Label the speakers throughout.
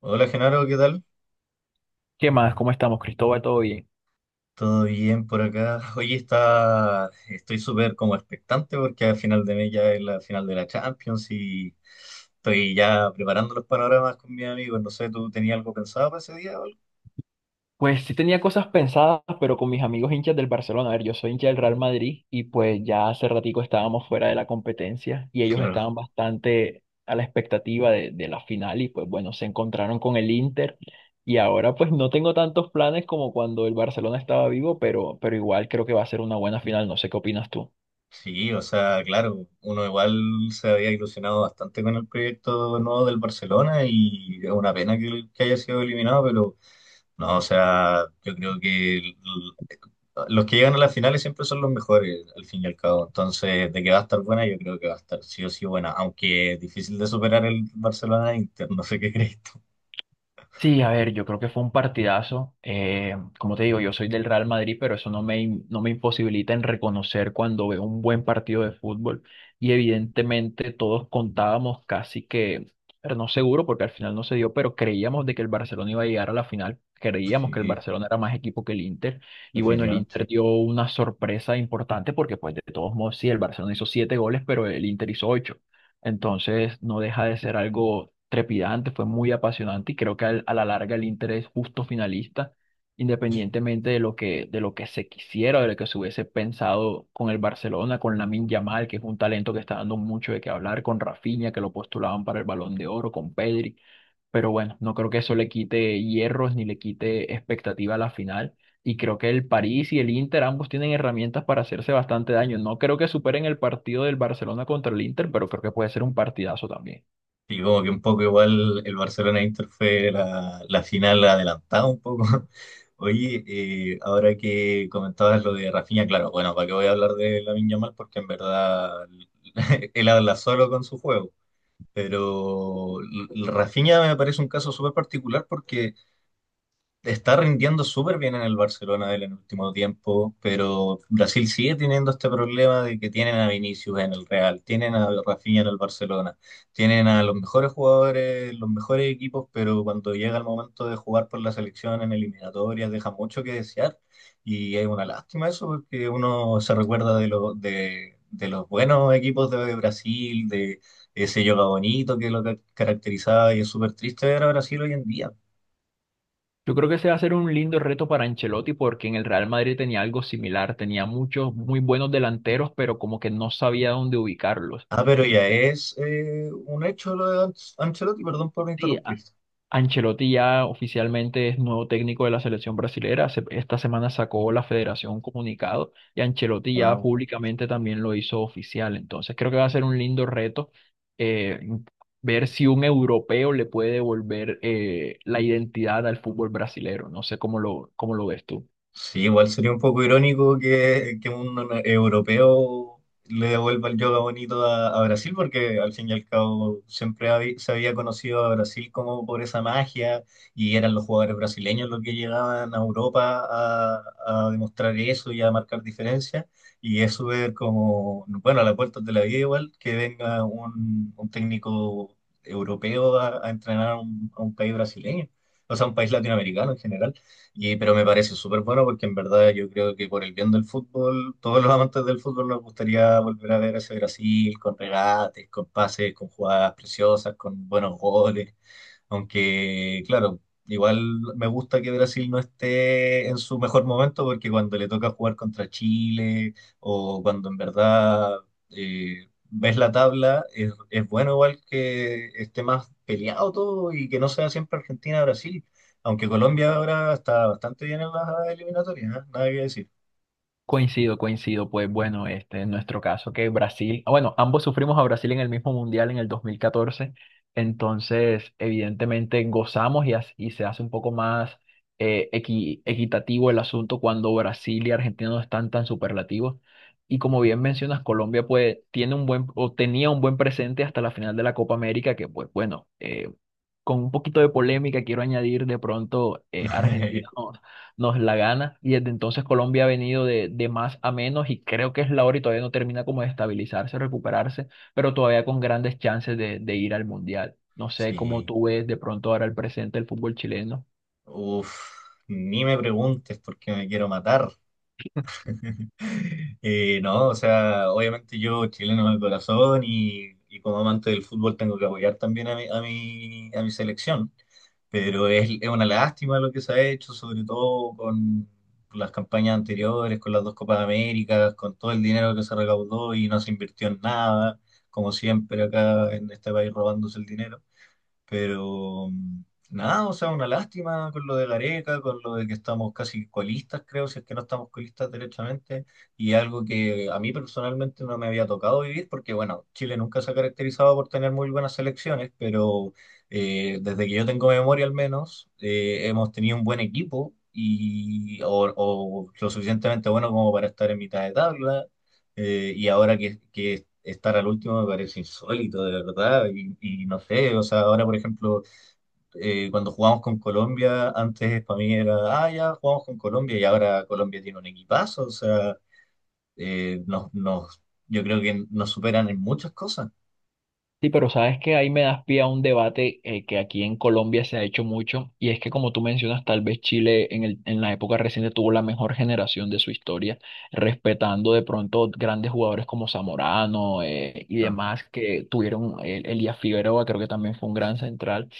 Speaker 1: Hola Genaro, ¿qué tal?
Speaker 2: ¿Qué más? ¿Cómo estamos, Cristóbal? ¿Todo bien?
Speaker 1: ¿Todo bien por acá? Hoy estoy súper como expectante porque al final de mes ya es la final de la Champions y estoy ya preparando los panoramas con mis amigos. No sé, ¿tú tenías algo pensado para ese día o algo?
Speaker 2: Pues sí tenía cosas pensadas, pero con mis amigos hinchas del Barcelona. A ver, yo soy hincha del Real Madrid y pues ya hace ratico estábamos fuera de la competencia y ellos
Speaker 1: Claro,
Speaker 2: estaban bastante a la expectativa de la final y pues bueno, se encontraron con el Inter y ahora pues no tengo tantos planes como cuando el Barcelona estaba vivo, pero igual creo que va a ser una buena final. No sé qué opinas tú.
Speaker 1: sí, o sea, claro, uno igual se había ilusionado bastante con el proyecto nuevo del Barcelona y es una pena que haya sido eliminado, pero no, o sea, yo creo que los que llegan a las finales siempre son los mejores, al fin y al cabo. Entonces, de que va a estar buena, yo creo que va a estar sí o sí buena, aunque es difícil de superar el Barcelona-Inter, no sé qué crees tú.
Speaker 2: Sí, a ver, yo creo que fue un partidazo. Como te digo, yo soy del Real Madrid, pero eso no me imposibilita en reconocer cuando veo un buen partido de fútbol. Y evidentemente todos contábamos casi que, pero no seguro porque al final no se dio, pero creíamos de que el Barcelona iba a llegar a la final. Creíamos que el
Speaker 1: Sí,
Speaker 2: Barcelona era más equipo que el Inter. Y bueno, el
Speaker 1: definitivamente.
Speaker 2: Inter dio una sorpresa importante porque pues de todos modos, sí, el Barcelona hizo siete goles, pero el Inter hizo ocho. Entonces no deja de ser algo trepidante, fue muy apasionante y creo que a la larga el Inter es justo finalista,
Speaker 1: Sí.
Speaker 2: independientemente de lo que se quisiera, de lo que se hubiese pensado con el Barcelona, con Lamine Yamal, que es un talento que está dando mucho de qué hablar, con Rafinha, que lo postulaban para el Balón de Oro, con Pedri, pero bueno, no creo que eso le quite hierros ni le quite expectativa a la final. Y creo que el París y el Inter ambos tienen herramientas para hacerse bastante daño. No creo que superen el partido del Barcelona contra el Inter, pero creo que puede ser un partidazo también.
Speaker 1: Y como que un poco igual el Barcelona-Inter fue la final adelantada un poco. Oye, ahora que comentabas lo de Rafinha, claro, bueno, ¿para qué voy a hablar de Lamine Yamal? Porque en verdad él habla solo con su juego. Pero Rafinha me parece un caso súper particular porque está rindiendo súper bien en el Barcelona él en el último tiempo, pero Brasil sigue teniendo este problema de que tienen a Vinicius en el Real, tienen a Rafinha en el Barcelona, tienen a los mejores jugadores, los mejores equipos, pero cuando llega el momento de jugar por la selección en eliminatorias deja mucho que desear y es una lástima eso porque uno se recuerda de los buenos equipos de Brasil, de ese yoga bonito que lo caracterizaba y es súper triste ver a Brasil hoy en día.
Speaker 2: Yo creo que ese va a ser un lindo reto para Ancelotti porque en el Real Madrid tenía algo similar, tenía muchos muy buenos delanteros, pero como que no sabía dónde ubicarlos.
Speaker 1: Ah, pero
Speaker 2: En
Speaker 1: ya
Speaker 2: este-
Speaker 1: es un hecho lo de Ancelotti, perdón por
Speaker 2: sí,
Speaker 1: interrumpirte.
Speaker 2: Ancelotti ya oficialmente es nuevo técnico de la selección brasilera. Esta semana sacó la federación un comunicado y Ancelotti ya
Speaker 1: Ah,
Speaker 2: públicamente también lo hizo oficial. Entonces creo que va a ser un lindo reto, eh, ver si un europeo le puede devolver, la identidad al fútbol brasilero. No sé cómo lo ves tú.
Speaker 1: sí, igual sería un poco irónico que un europeo le devuelva el yoga bonito a Brasil, porque al fin y al cabo siempre se había conocido a Brasil como por esa magia y eran los jugadores brasileños los que llegaban a Europa a demostrar eso y a marcar diferencias. Y eso ver como, bueno, a las puertas de la vida igual, que venga un técnico europeo a entrenar a un país brasileño, o sea, un país latinoamericano en general. Y, pero me parece súper bueno porque en verdad yo creo que por el bien del fútbol, todos los amantes del fútbol nos gustaría volver a ver a ese Brasil con regates, con pases, con jugadas preciosas, con buenos goles. Aunque, claro, igual me gusta que Brasil no esté en su mejor momento porque cuando le toca jugar contra Chile o cuando en verdad ves la tabla, es bueno igual que esté más peleado todo y que no sea siempre Argentina-Brasil. Aunque Colombia ahora está bastante bien en las eliminatorias, ¿eh? Nada que decir.
Speaker 2: Coincido, coincido. Pues bueno, este, en nuestro caso que Brasil, ah, bueno, ambos sufrimos a Brasil en el mismo mundial en el 2014, entonces evidentemente gozamos y se hace un poco más, equitativo el asunto cuando Brasil y Argentina no están tan superlativos. Y como bien mencionas, Colombia pues tiene un buen o tenía un buen presente hasta la final de la Copa América, que pues bueno, con un poquito de polémica, quiero añadir, de pronto Argentina nos la gana y desde entonces Colombia ha venido de más a menos y creo que es la hora y todavía no termina como de estabilizarse, recuperarse, pero todavía con grandes chances de ir al Mundial. No sé cómo
Speaker 1: Sí,
Speaker 2: tú ves de pronto ahora el presente del fútbol chileno.
Speaker 1: uf, ni me preguntes porque me quiero matar. No, o sea, obviamente yo chileno de corazón y como amante del fútbol tengo que apoyar también a mi selección, pero es una lástima lo que se ha hecho, sobre todo con las campañas anteriores, con las dos Copas Américas, con todo el dinero que se recaudó y no se invirtió en nada, como siempre acá en este país robándose el dinero. Pero nada, o sea, una lástima con lo de Gareca, con lo de que estamos casi colistas, creo, si es que no estamos colistas derechamente, y algo que a mí personalmente no me había tocado vivir, porque bueno, Chile nunca se ha caracterizado por tener muy buenas selecciones, pero desde que yo tengo memoria al menos, hemos tenido un buen equipo. Y, o lo suficientemente bueno como para estar en mitad de tabla, y ahora que estar al último me parece insólito, de verdad. Y no sé, o sea, ahora por ejemplo, cuando jugamos con Colombia, antes para mí era, ah, ya jugamos con Colombia y ahora Colombia tiene un equipazo, o sea, nos, yo creo que nos superan en muchas cosas.
Speaker 2: Sí, pero sabes que ahí me das pie a un debate, que aquí en Colombia se ha hecho mucho, y es que como tú mencionas, tal vez Chile en la época reciente tuvo la mejor generación de su historia, respetando de pronto grandes jugadores como Zamorano, y
Speaker 1: Claro,
Speaker 2: demás que tuvieron, el Elías Figueroa creo que también fue un gran central,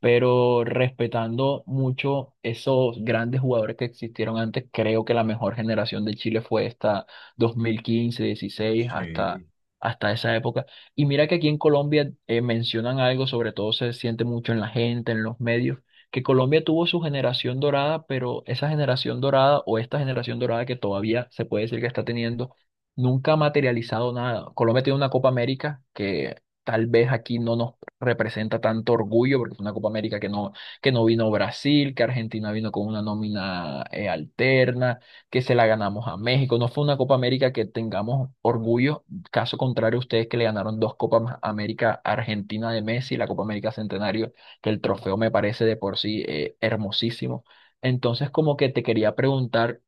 Speaker 2: pero respetando mucho esos grandes jugadores que existieron antes, creo que la mejor generación de Chile fue esta 2015, 16, hasta...
Speaker 1: sí,
Speaker 2: Hasta esa época y mira que aquí en Colombia, mencionan algo, sobre todo se siente mucho en la gente, en los medios, que Colombia tuvo su generación dorada, pero esa generación dorada o esta generación dorada que todavía se puede decir que está teniendo, nunca ha materializado nada. Colombia tiene una Copa América que tal vez aquí no nos representa tanto orgullo, porque es una Copa América que que no vino Brasil, que Argentina vino con una nómina, alterna, que se la ganamos a México. No fue una Copa América que tengamos orgullo. Caso contrario, ustedes que le ganaron dos América a Argentina de Messi, la Copa América Centenario, que el trofeo me parece de por sí, hermosísimo. Entonces, como que te quería preguntar,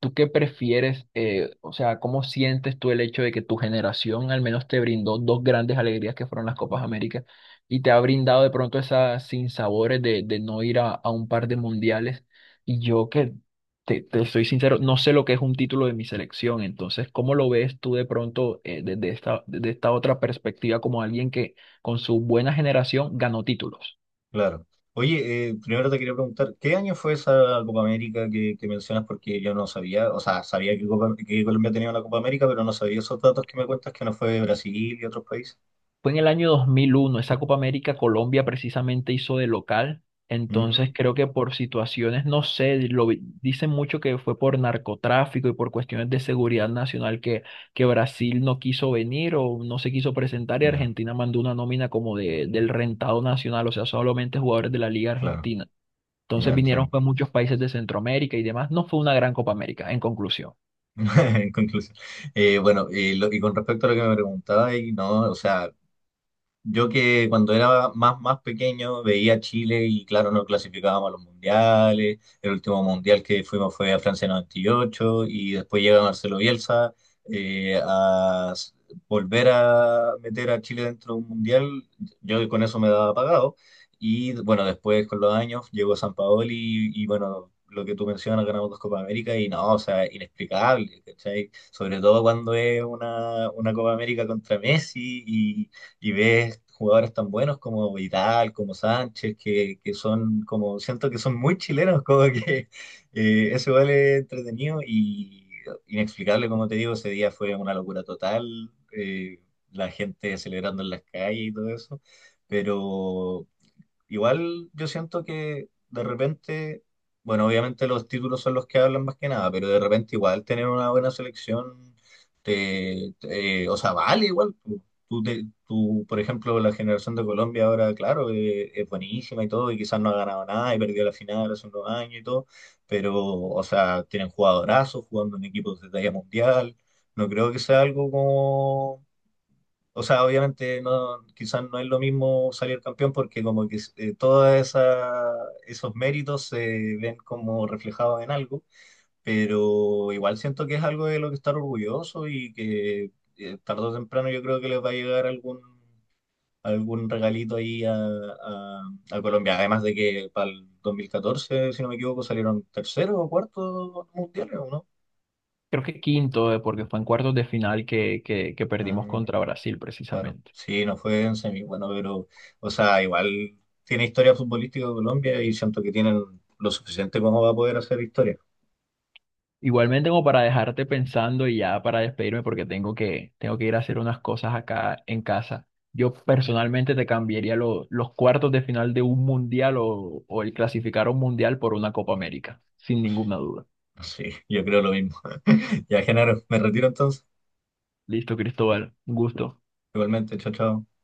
Speaker 2: ¿tú qué prefieres? Eh, o sea, ¿cómo sientes tú el hecho de que tu generación al menos te brindó dos grandes alegrías que fueron las Copas américa y te ha brindado de pronto esas sinsabores de no ir a un par de mundiales? Y yo que te soy sincero, no sé lo que es un título de mi selección, entonces, ¿cómo lo ves tú de pronto, desde esta otra perspectiva como alguien que con su buena generación ganó títulos?
Speaker 1: claro. Oye, primero te quería preguntar, ¿qué año fue esa Copa América que mencionas? Porque yo no sabía, o sea, sabía que, que Colombia tenía una Copa América, pero no sabía esos datos que me cuentas que no fue de Brasil y otros países.
Speaker 2: Fue en el año 2001, esa Copa América Colombia precisamente hizo de local,
Speaker 1: Mm,
Speaker 2: entonces creo que por situaciones, no sé, dicen mucho que fue por narcotráfico y por cuestiones de seguridad nacional que Brasil no quiso venir o no se quiso presentar y
Speaker 1: ya,
Speaker 2: Argentina mandó una nómina como de, del rentado nacional, o sea, solamente jugadores de la Liga
Speaker 1: claro.
Speaker 2: Argentina.
Speaker 1: Ya
Speaker 2: Entonces vinieron
Speaker 1: entiendo.
Speaker 2: pues muchos países de Centroamérica y demás, no fue una gran Copa América, en conclusión.
Speaker 1: En conclusión. Bueno, y con respecto a lo que me preguntaba, y no, o sea, yo que cuando era más pequeño veía a Chile y claro, no clasificábamos a los mundiales. El último mundial que fuimos fue a Francia 98 y ocho y después llega Marcelo Bielsa eh, a s- volver a meter a Chile dentro de un mundial. Yo con eso me daba pagado. Y bueno, después con los años llegó San y bueno, lo que tú mencionas, ganamos dos Copa América y no, o sea, inexplicable, ¿cachai? Sobre todo cuando es una Copa América contra Messi y ves jugadores tan buenos como Vidal, como Sánchez, que son como, siento que son muy chilenos, como que eso igual es entretenido y inexplicable, como te digo, ese día fue una locura total, la gente celebrando en las calles y todo eso, pero igual yo siento que de repente, bueno, obviamente los títulos son los que hablan más que nada, pero de repente igual tener una buena selección, o sea, vale igual. Tú, por ejemplo, la generación de Colombia ahora, claro, es buenísima y todo, y quizás no ha ganado nada y perdió la final hace unos años y todo, pero, o sea, tienen jugadorazos jugando en equipos de talla mundial. No creo que sea algo como o sea, obviamente no, quizás no es lo mismo salir campeón porque como que todos esos méritos se ven como reflejados en algo, pero igual siento que es algo de lo que estar orgulloso y que tarde o temprano yo creo que les va a llegar algún regalito ahí a Colombia, además de que para el 2014, si no me equivoco, salieron tercero o cuarto mundiales, ¿o no?
Speaker 2: Creo que quinto, porque fue en cuartos de final que
Speaker 1: Ah,
Speaker 2: perdimos contra Brasil
Speaker 1: claro,
Speaker 2: precisamente.
Speaker 1: sí, no fue en semi, bueno, pero, o sea, igual tiene historia futbolística de Colombia y siento que tienen lo suficiente como va a poder hacer historia.
Speaker 2: Igualmente como para dejarte pensando y ya para despedirme porque tengo tengo que ir a hacer unas cosas acá en casa. Yo personalmente te cambiaría los cuartos de final de un mundial o el clasificar a un mundial por una Copa América, sin ninguna duda.
Speaker 1: Sí, yo creo lo mismo. Ya, Genaro, me retiro entonces.
Speaker 2: Listo, Cristóbal, un gusto.
Speaker 1: Igualmente, chao, chao.